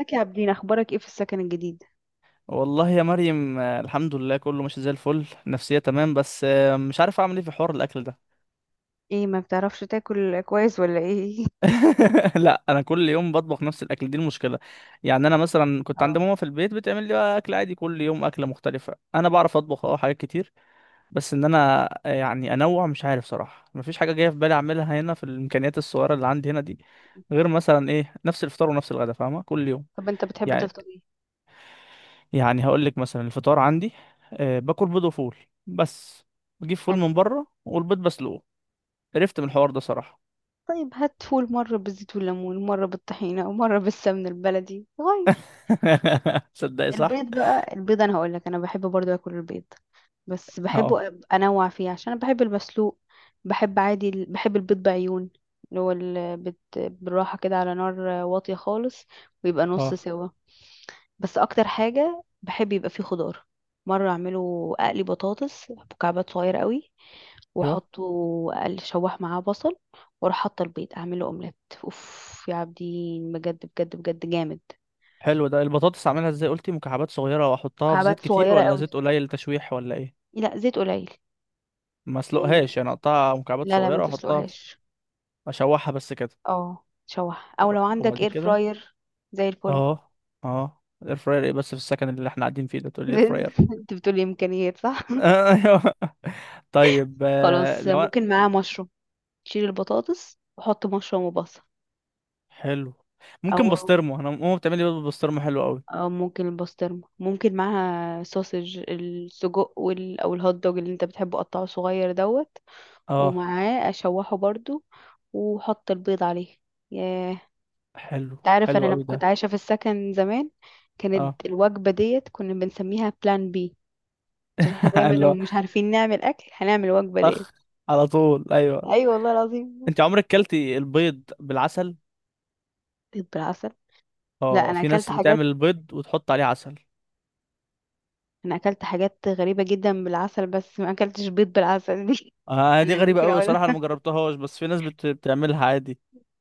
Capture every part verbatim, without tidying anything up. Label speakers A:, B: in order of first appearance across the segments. A: ازيك يا عابدين؟ اخبارك ايه في السكن الجديد؟
B: والله يا مريم، آه، الحمد لله، كله ماشي زي الفل، نفسية تمام، بس آه، مش عارف اعمل ايه في حوار الاكل ده.
A: ايه، ما بتعرفش تاكل كويس ولا ايه؟
B: لا، انا كل يوم بطبخ نفس الاكل، دي المشكلة. يعني انا مثلا كنت عند
A: اه.
B: ماما في البيت، بتعمل لي بقى اكل عادي كل يوم اكلة مختلفة. انا بعرف اطبخ اه حاجات كتير. بس ان انا آه، يعني انوع، مش عارف صراحة، مفيش حاجة جاية في بالي اعملها هنا في الامكانيات الصغيرة اللي عندي هنا دي. غير مثلا ايه، نفس الفطار ونفس الغدا، فاهمة؟ كل يوم.
A: طب انت بتحب
B: يعني
A: تفطر ايه؟
B: يعني هقول لك مثلا الفطار عندي. أه باكل بيض وفول، بس بجيب فول
A: حلو.
B: من بره، والبيض بسلقه. قرفت من الحوار ده صراحة.
A: طيب، هات فول مره بالزيت والليمون، مره بالطحينه، ومره بالسمن البلدي غير.
B: صدقي، صح.
A: البيض بقى، البيض انا هقول لك، انا بحب برضو اكل البيض. بس
B: اه،
A: بحبه أب- انوع فيه، عشان انا بحب المسلوق. بحب عادي، ال- بحب البيض بعيون، اللي هو ال- بت- بالراحه كده على نار، واطيه خالص، ويبقى نص
B: اه،
A: سوا. بس اكتر حاجه بحب يبقى فيه خضار. مره اعمله اقلي بطاطس مكعبات صغيره قوي،
B: ايوه.
A: واحطه، اقل شوح معاه بصل، واروح حاطه البيض اعمله اومليت. اوف يا عابدين، بجد بجد بجد جامد.
B: حلو ده. البطاطس اعملها ازاي؟ قلتي مكعبات صغيرة واحطها في زيت
A: مكعبات
B: كتير
A: صغيره
B: ولا
A: قوي.
B: زيت قليل تشويح ولا ايه؟
A: لا، زيت قليل.
B: ما اسلقهاش
A: يعني.
B: يعني؟ اقطعها مكعبات
A: لا، لا، ما
B: صغيرة واحطها
A: تسلقهاش.
B: في، اشوحها بس كده.
A: اه، شوح، او
B: و-
A: لو عندك
B: وبعد
A: اير
B: كده.
A: فراير. زي الفل.
B: اه، اه، اير فراير ايه؟ بس في السكن اللي احنا قاعدين فيه ده تقول لي اير فراير؟
A: انت بتقولي امكانيات، صح.
B: ايوه، طيب. آه،
A: خلاص،
B: لو أنا-
A: ممكن معاه مشروم. شيل البطاطس وحط مشروم وبصل.
B: حلو. ممكن
A: او.
B: بسطرمه، انا ماما بتعمل لي بيض بالبسطرمه حلو قوي.
A: او، ممكن البسطرمه ممكن معاها سوسج السجق وال... او الهوت دوج اللي انت بتحبه قطعه صغير دوت.
B: اه.
A: ومعاه اشوحه برضو، وحط البيض عليه. ياه انت،
B: حلو.
A: عارف
B: حلو
A: انا
B: قوي
A: لما
B: ده.
A: كنت عايشه في السكن زمان،
B: اه.
A: كانت الوجبه ديت كنا بنسميها بلان بي، عشان احنا دايما
B: اللي
A: لو
B: هو
A: مش عارفين نعمل اكل هنعمل الوجبه ديت.
B: طخ، على طول، ايوه.
A: ايوه والله العظيم.
B: انت عمرك كلتي البيض بالعسل؟
A: بيض بالعسل؟ لا،
B: اه،
A: انا
B: في
A: اكلت
B: ناس
A: حاجات،
B: بتعمل البيض وتحط عليه عسل.
A: انا اكلت حاجات غريبه جدا بالعسل، بس ما اكلتش بيض بالعسل دي.
B: اه، دي
A: انا
B: غريبه
A: ممكن
B: قوي
A: اقول،
B: صراحه، انا ما جربتهاش، بس في ناس بت... بتعملها عادي.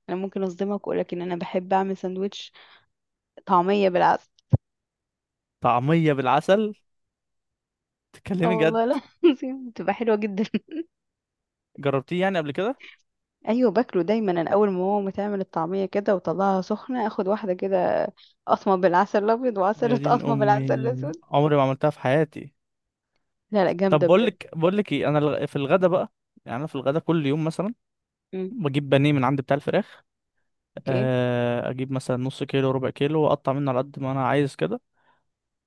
A: انا ممكن اصدمك واقول لك ان انا بحب اعمل سندوتش طعميه بالعسل.
B: طعميه بالعسل؟
A: اه
B: تتكلمي جد؟
A: والله لا العظيم، بتبقى حلوه جدا.
B: جربتيه يعني قبل كده؟
A: ايوه، باكله دايما، انا اول ما ماما تعمل الطعميه كده وطلعها سخنه اخد واحده كده، قطمه بالعسل الابيض، وعسل
B: يا دين
A: قطمه
B: امي،
A: بالعسل الاسود.
B: عمري ما عملتها في حياتي.
A: لا، لا،
B: طب،
A: جامده
B: بقول
A: بجد.
B: لك بقول لك ايه، انا الغ- في الغدا بقى. يعني انا في الغدا كل يوم مثلا
A: امم،
B: بجيب بانيه من عند بتاع الفراخ.
A: اوكي،
B: آه، اجيب مثلا نص كيلو، ربع كيلو، واقطع منه على قد ما انا عايز كده.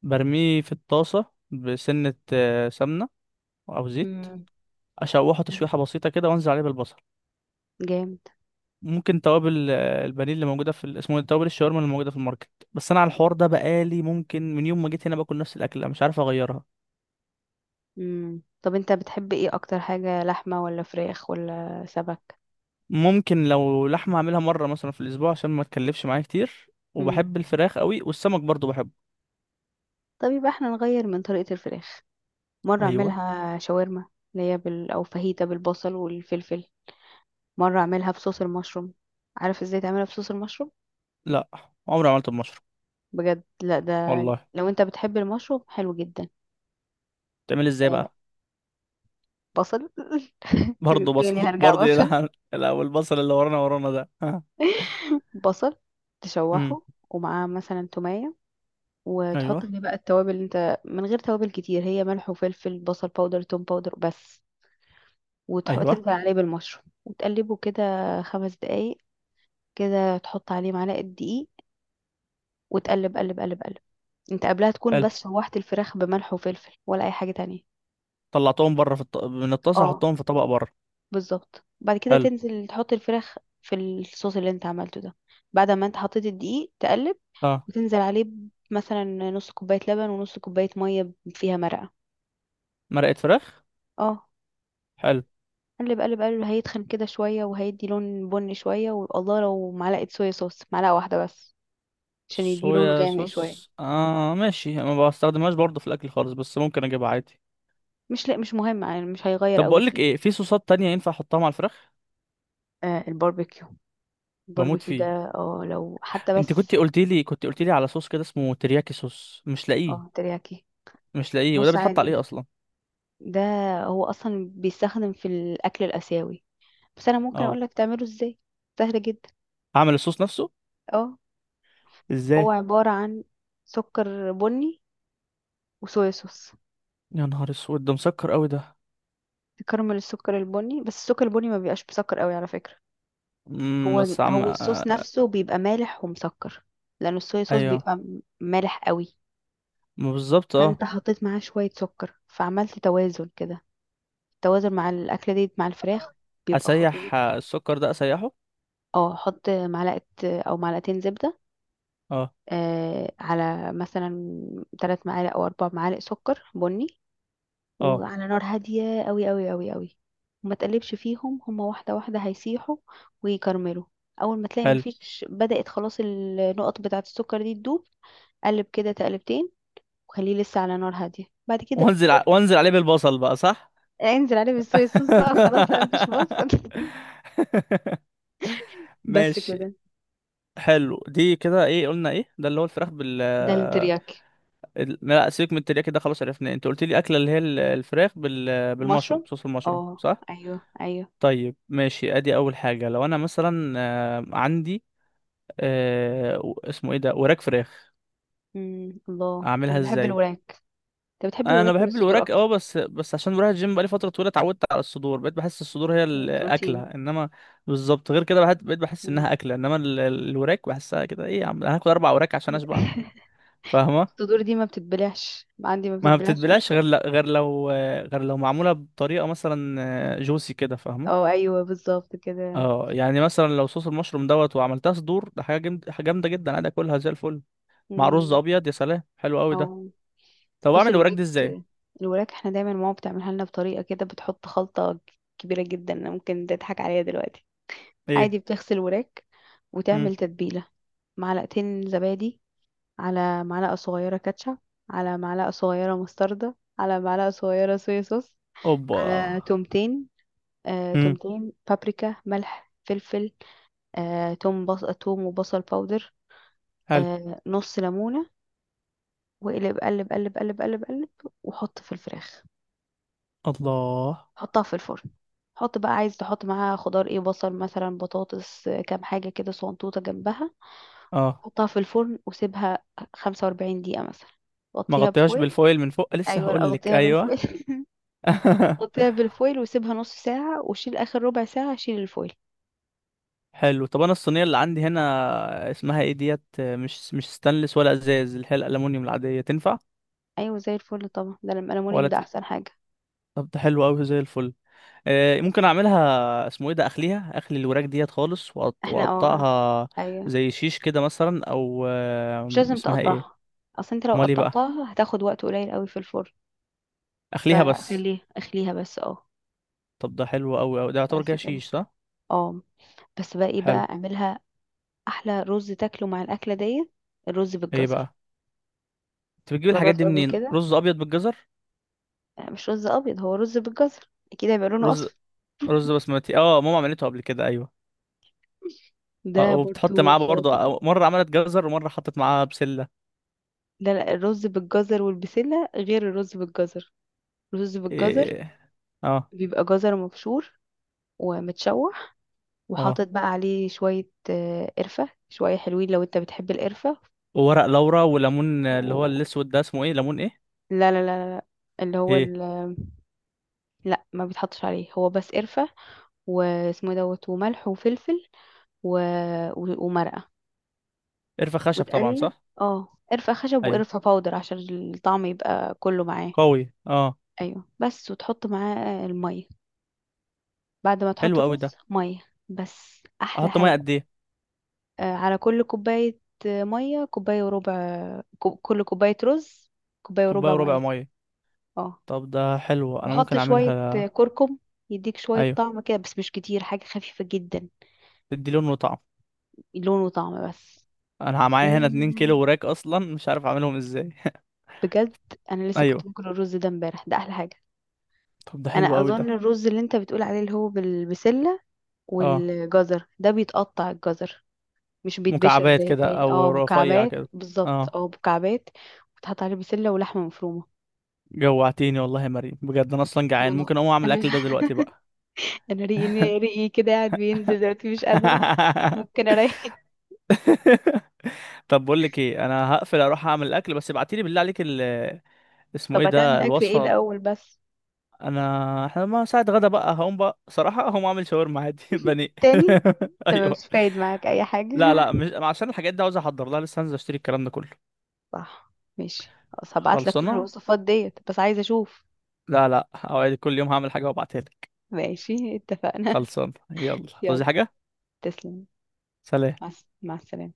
B: برميه في الطاسه. بسنه آه، سمنه، او زيت.
A: امم،
B: اشوحه
A: حلو.
B: تشويحه بسيطه كده، وانزل عليه بالبصل.
A: جامد.
B: ممكن توابل، آه، البانيه اللي موجوده في ال- اسمه إيه؟ توابل الشاورما اللي موجوده في الماركت. بس انا على الحوار ده بقالي، ممكن من يوم ما جيت هنا باكل نفس الاكله، مش عارف اغيرها.
A: امم طب انت بتحب ايه اكتر حاجه، لحمه ولا فراخ ولا سمك؟
B: ممكن لو لحمه اعملها مره مثلا في الاسبوع، عشان ما تكلفش معايا كتير.
A: امم
B: وبحب الفراخ قوي، والسمك برضو بحبه.
A: طب يبقى احنا نغير من طريقه الفراخ. مره
B: ايوه.
A: اعملها شاورما، اللي هي بال... او فاهيتا بالبصل والفلفل. مرة اعملها بصوص المشروم. عارف ازاي تعملها بصوص المشروم؟
B: لا، عمري ما عملته بمشروم.
A: بجد، لا ده،
B: والله،
A: لو انت بتحب المشروم حلو جدا.
B: تعمل ازاي
A: آه،
B: بقى؟
A: بصل.
B: برضه بصل؟
A: تاني هرجع
B: برضه
A: بصل.
B: يلعن الاول البصل، اللي ورانا ورانا ده، ها.
A: بصل،
B: امم.
A: تشوحه، ومعاه مثلا تومية،
B: ايوه،
A: وتحط عليه بقى التوابل، اللي انت من غير توابل كتير، هي ملح وفلفل بصل باودر توم باودر بس. وتحط
B: ايوه.
A: تنزل عليه بالمشروم وتقلبه كده، خمس دقايق. كده تحط عليه معلقة دقيق، وتقلب قلب قلب قلب. انت قبلها تكون
B: حلو.
A: بس شوحت الفراخ بملح وفلفل، ولا اي حاجة تانية؟
B: طلعتهم بره في الط... من الطاسه،
A: اه،
B: حطهم في طبق بره.
A: بالظبط، بعد كده
B: حلو.
A: تنزل تحط الفراخ في الصوص اللي انت عملته ده. بعد ما انت حطيت الدقيق تقلب،
B: اه،
A: وتنزل عليه ب- مثلا نص كوباية لبن، ونص كوباية مية فيها مرقة.
B: مرقه فراخ.
A: اه،
B: حلو.
A: قلب قلب قلب، هيتخن كده شوية وهيدي لون بني شوية، والله لو معلقة صويا صوص، معلقة واحدة بس، عشان يدي لون
B: صويا
A: غامق شوية.
B: صوص، اه ماشي، ما بستخدمهاش برضه في الاكل خالص، بس ممكن اجيبها عادي.
A: مش، لا، مش مهم، يعني مش هيغير
B: طب
A: قوي
B: بقول لك
A: فيه.
B: ايه، في صوصات تانية ينفع احطها مع الفراخ؟
A: آه الباربيكيو،
B: بموت
A: الباربيكيو ده.
B: فيه.
A: اه، لو حتى
B: انت
A: بس.
B: كنت قلت لي كنت قلت لي على صوص كده اسمه ترياكي صوص، مش لاقيه.
A: اه، ترياكي.
B: مش لاقيه، وده
A: بص،
B: بيتحط عليه
A: عادي.
B: اصلا؟
A: ده، هو اصلا بيستخدم في الاكل الاسيوي، بس انا ممكن
B: اه.
A: اقولك تعمله ازاي. سهل جدا.
B: اعمل الصوص نفسه.
A: اه. هو
B: ازاي؟
A: عبارة عن سكر بني وصويا صوص.
B: يا نهار اسود، ده مسكر قوي ده.
A: تكرمل السكر البني، بس السكر البني ما بيبقاش مسكر قوي على فكرة. هو
B: امم بس عم آه،
A: هو الصوص
B: آه،
A: نفسه بيبقى مالح ومسكر، لان الصويا صوص
B: ايوه،
A: بيبقى م- مالح قوي.
B: ما بالظبط،
A: فانت
B: اه.
A: حطيت معاه شوية سكر فعملت توازن كده. التوازن مع الاكلة دي مع الفراخ بيبقى
B: اسيح
A: خطير.
B: آه، السكر ده اسيحه.
A: اه، حط معلقة او معلقتين زبدة،
B: اه،
A: آه، على مثلا ثلاث معالق او اربع معالق سكر بني،
B: اه،
A: وعلى نار هاديه قوي قوي قوي قوي. وما تقلبش فيهم، هما واحده واحده هيسيحوا ويكرملوا. اول ما تلاقي
B: حلو.
A: مفيش، بدأت خلاص النقط بتاعه السكر دي تدوب، قلب كده تقلبتين، وخليه لسه على نار هاديه. بعد كده
B: وانزل ع... وانزل عليه بالبصل بقى، صح؟
A: انزل عليه بالصويا صوص بقى خلاص، لا مفيش بصل. بس
B: ماشي.
A: كده.
B: حلو، دي كده ايه؟ قلنا ايه ده؟ اللي هو الفراخ بال
A: ده الترياكي.
B: ال- لا سيبك من الترياكي ده خلاص، عرفناه. انت قلت لي اكله اللي هي ال- الفراخ بال...
A: مشروم.
B: بالمشروم، صوص المشروم،
A: اه.
B: صح؟
A: ايوه، ايوه.
B: طيب ماشي. ادي اول حاجه، لو انا مثلا آه، عندي آه و- اسمه ايه ده، وراك فراخ.
A: امم الله،
B: اعملها
A: انا بحب
B: ازاي؟
A: الوراك. انت بتحب
B: انا
A: الوراك ولا
B: بحب
A: الصدور
B: الوراك اه،
A: اكتر؟
B: بس بس عشان بروح الجيم بقالي فتره طويله، اتعودت على الصدور، بقيت بحس الصدور هي الاكله،
A: بروتين.
B: انما بالظبط. غير كده بحت- بقيت بحس
A: مم.
B: انها اكله، انما ال- ال- الوراك بحسها كده ايه، يا عم انا هاكل اربع وراك عشان اشبع. فاهمه؟
A: الصدور دي ما بتتبلعش عندي، ما
B: ما
A: بتتبلعش، مش
B: بتتبلاش
A: مشكلة.
B: غير ل- غير لو غير لو معموله بطريقه مثلا جوسي كده، فاهمه؟
A: اه، ايوه، بالظبط كده.
B: اه، يعني مثلا لو صوص المشروم دوت وعملتها صدور، ده حاجه جامد- حاجة جامده جدا، عادي اكلها زي الفل. مع رز
A: مم.
B: ابيض، يا سلام، حلو قوي ده.
A: او.
B: طب
A: بص،
B: اعمل الوراك
A: الوراك،
B: دي ازاي؟
A: الوراك احنا دايما ماما بتعملها لنا بطريقه كده، بتحط خلطه كبيره جدا. أنا ممكن تضحك عليا دلوقتي.
B: ايه.
A: عادي، بتغسل وراك
B: مم.
A: وتعمل تتبيله، معلقتين زبادي، على معلقه صغيره كاتشب، على معلقه صغيره مستردة، على معلقه صغيره صويا صوص،
B: اوبا.
A: على تومتين، آه،
B: مم.
A: تومتين، بابريكا، ملح، فلفل، آه، توم بص... توم وبصل باودر،
B: حلو.
A: آه، نص ليمونة، واقلب قلب قلب قلب قلب قلب، وحط في الفراخ.
B: الله.
A: حطها في الفرن. حط بقى، عايز تحط معاها خضار ايه، بصل مثلا، بطاطس، آه، كام حاجة كده، صنطوطة جنبها.
B: اه.
A: حطها في الفرن وسيبها خمسة واربعين دقيقة مثلا.
B: ما
A: غطيها
B: غطيهاش
A: بفويل.
B: بالفويل من فوق؟ لسه
A: ايوه، لا،
B: هقول لك،
A: غطيها
B: ايوه.
A: بالفويل. غطيها بالفويل وسيبها نص ساعة، وشيل اخر ربع ساعة شيل الفويل.
B: حلو. طب انا الصينيه اللي عندي هنا اسمها ايه ديت، مش مش ستانلس ولا ازاز، اللي هي الالومنيوم العاديه، تنفع؟
A: ايوه، زي الفل طبعا، ده الالومنيوم
B: ولا
A: ده
B: ت...
A: احسن حاجة.
B: طب ده حلو قوي زي الفل. آه ممكن اعملها، اسمه ايه ده، اخليها اخلي الوراك ديت خالص، وأقط-
A: احنا، اه.
B: واقطعها
A: ايوه.
B: زي شيش كده مثلا، او آه
A: مش لازم
B: اسمها ايه.
A: تقطعها، اصل انت لو
B: امال ايه بقى؟
A: قطعتها هتاخد وقت قليل قوي في الفرن.
B: اخليها بس.
A: فخليها، اخليها بس، اه.
B: طب ده حلو قوي قوي، ده يعتبر
A: بس
B: كده
A: كده.
B: شيش صح؟
A: اه، بس بقى ايه
B: حلو.
A: بقى اعملها؟ احلى رز تاكله مع الاكله ديت، الرز
B: ايه
A: بالجزر.
B: بقى، انت بتجيب الحاجات
A: جربت
B: دي
A: قبل
B: منين؟
A: كده؟
B: رز ابيض بالجزر؟
A: لا، مش رز ابيض، هو رز بالجزر، اكيد هيبقى لونه
B: رز
A: اصفر.
B: رز بسمتي، اه ماما عملته قبل كده، ايوه.
A: ده
B: اه،
A: برضو
B: وبتحط معاه برضه.
A: خاطر.
B: أو- مره عملت جزر، ومره حطت معاه بسله.
A: لا، لا، الرز بالجزر والبسلة غير الرز بالجزر. الرز بالجزر،
B: إيه. اه.
A: بيبقى جزر مبشور ومتشوح،
B: اه،
A: وحاطط بقى عليه شوية آه، قرفة، شوية حلوين لو انت بتحب القرفة،
B: وورق لورا وليمون اللي هو
A: و...
B: الاسود ده اسمه ايه، ليمون ايه؟
A: لا، لا، لا، لا، لا. اللي هو
B: ايه؟
A: ال... لا، ما بيتحطش عليه، هو بس قرفة، واسمه إيه دوت، وملح، وفلفل، و... و... ومرقة.
B: قرفه خشب طبعا،
A: وتقلب.
B: صح؟
A: اه، قرفة خشب
B: ايوه،
A: وقرفة باودر، عشان الطعم يبقى كله معاه.
B: قوي، اه.
A: ايوه، بس وتحط معاه المية. بعد ما
B: حلو
A: تحط
B: قوي ده.
A: الرز مية، بس احلى
B: احط ميه
A: حاجة.
B: قد ايه؟
A: آه، على كل كوباية، آه، مية كوباية وربع، كو- كل كوباية رز، كوباية
B: كوبايه
A: وربع
B: وربع
A: مية.
B: ميه.
A: اه،
B: طب ده حلو، انا
A: وحط
B: ممكن
A: شوية آه،
B: اعملها.
A: كركم، يديك شوية
B: ايوه،
A: طعم كده، بس مش كتير، حاجة خفيفة جدا.
B: تدي لون وطعم.
A: لون وطعم بس.
B: انا
A: ده
B: معايا هنا اتنين كيلو وراك، اصلا مش عارف اعملهم ازاي.
A: بجد، انا لسه كنت
B: ايوه.
A: باكل الرز ده امبارح، ده احلى حاجه.
B: طب ده حلو
A: انا
B: قوي
A: اظن
B: ده.
A: الرز اللي انت بتقول عليه اللي هو بالبسله
B: اه،
A: والجزر، ده بيتقطع الجزر، مش بيتبشر
B: مكعبات
A: زي
B: كده
A: التاني،
B: او
A: اه،
B: رفيع
A: مكعبات،
B: كده،
A: بالظبط،
B: اه.
A: اه، مكعبات. وتحط عليه بسله ولحمه مفرومه.
B: جوعتيني والله يا مريم بجد، انا اصلا
A: ما
B: جعان،
A: انا،
B: ممكن اقوم اعمل
A: انا.
B: الاكل ده دلوقتي بقى.
A: انا، ريقي، ريقي كده قاعد بينزل دلوقتي، مش قادره. ممكن اريح.
B: طب بقول لك ايه، انا هقفل اروح اعمل الاكل، بس ابعتيلي بالله عليك ال اسمه
A: طب،
B: ايه
A: هتعمل
B: ده،
A: اكل ايه
B: الوصفه.
A: الاول بس؟
B: انا احنا، ما ساعه غدا بقى هقوم، بقى صراحه هقوم اعمل شاورما عادي بني.
A: تاني؟ انت
B: ايوه.
A: مش فايد معاك اي حاجه.
B: لا، لا، مش عشان الحاجات دي، عاوز احضر لها لسه، هنزل اشتري الكلام ده كله.
A: صح. ماشي، خلاص هبعت لك كل
B: خلصانه.
A: الوصفات ديت، بس عايزة اشوف.
B: لا، لا، اوعدك كل يوم هعمل حاجه وابعتها لك.
A: ماشي، اتفقنا.
B: خلصانه، يلا،
A: يلا.
B: تعوزي حاجه؟
A: تسلم.
B: سلام.
A: مع الس- مع السلامة.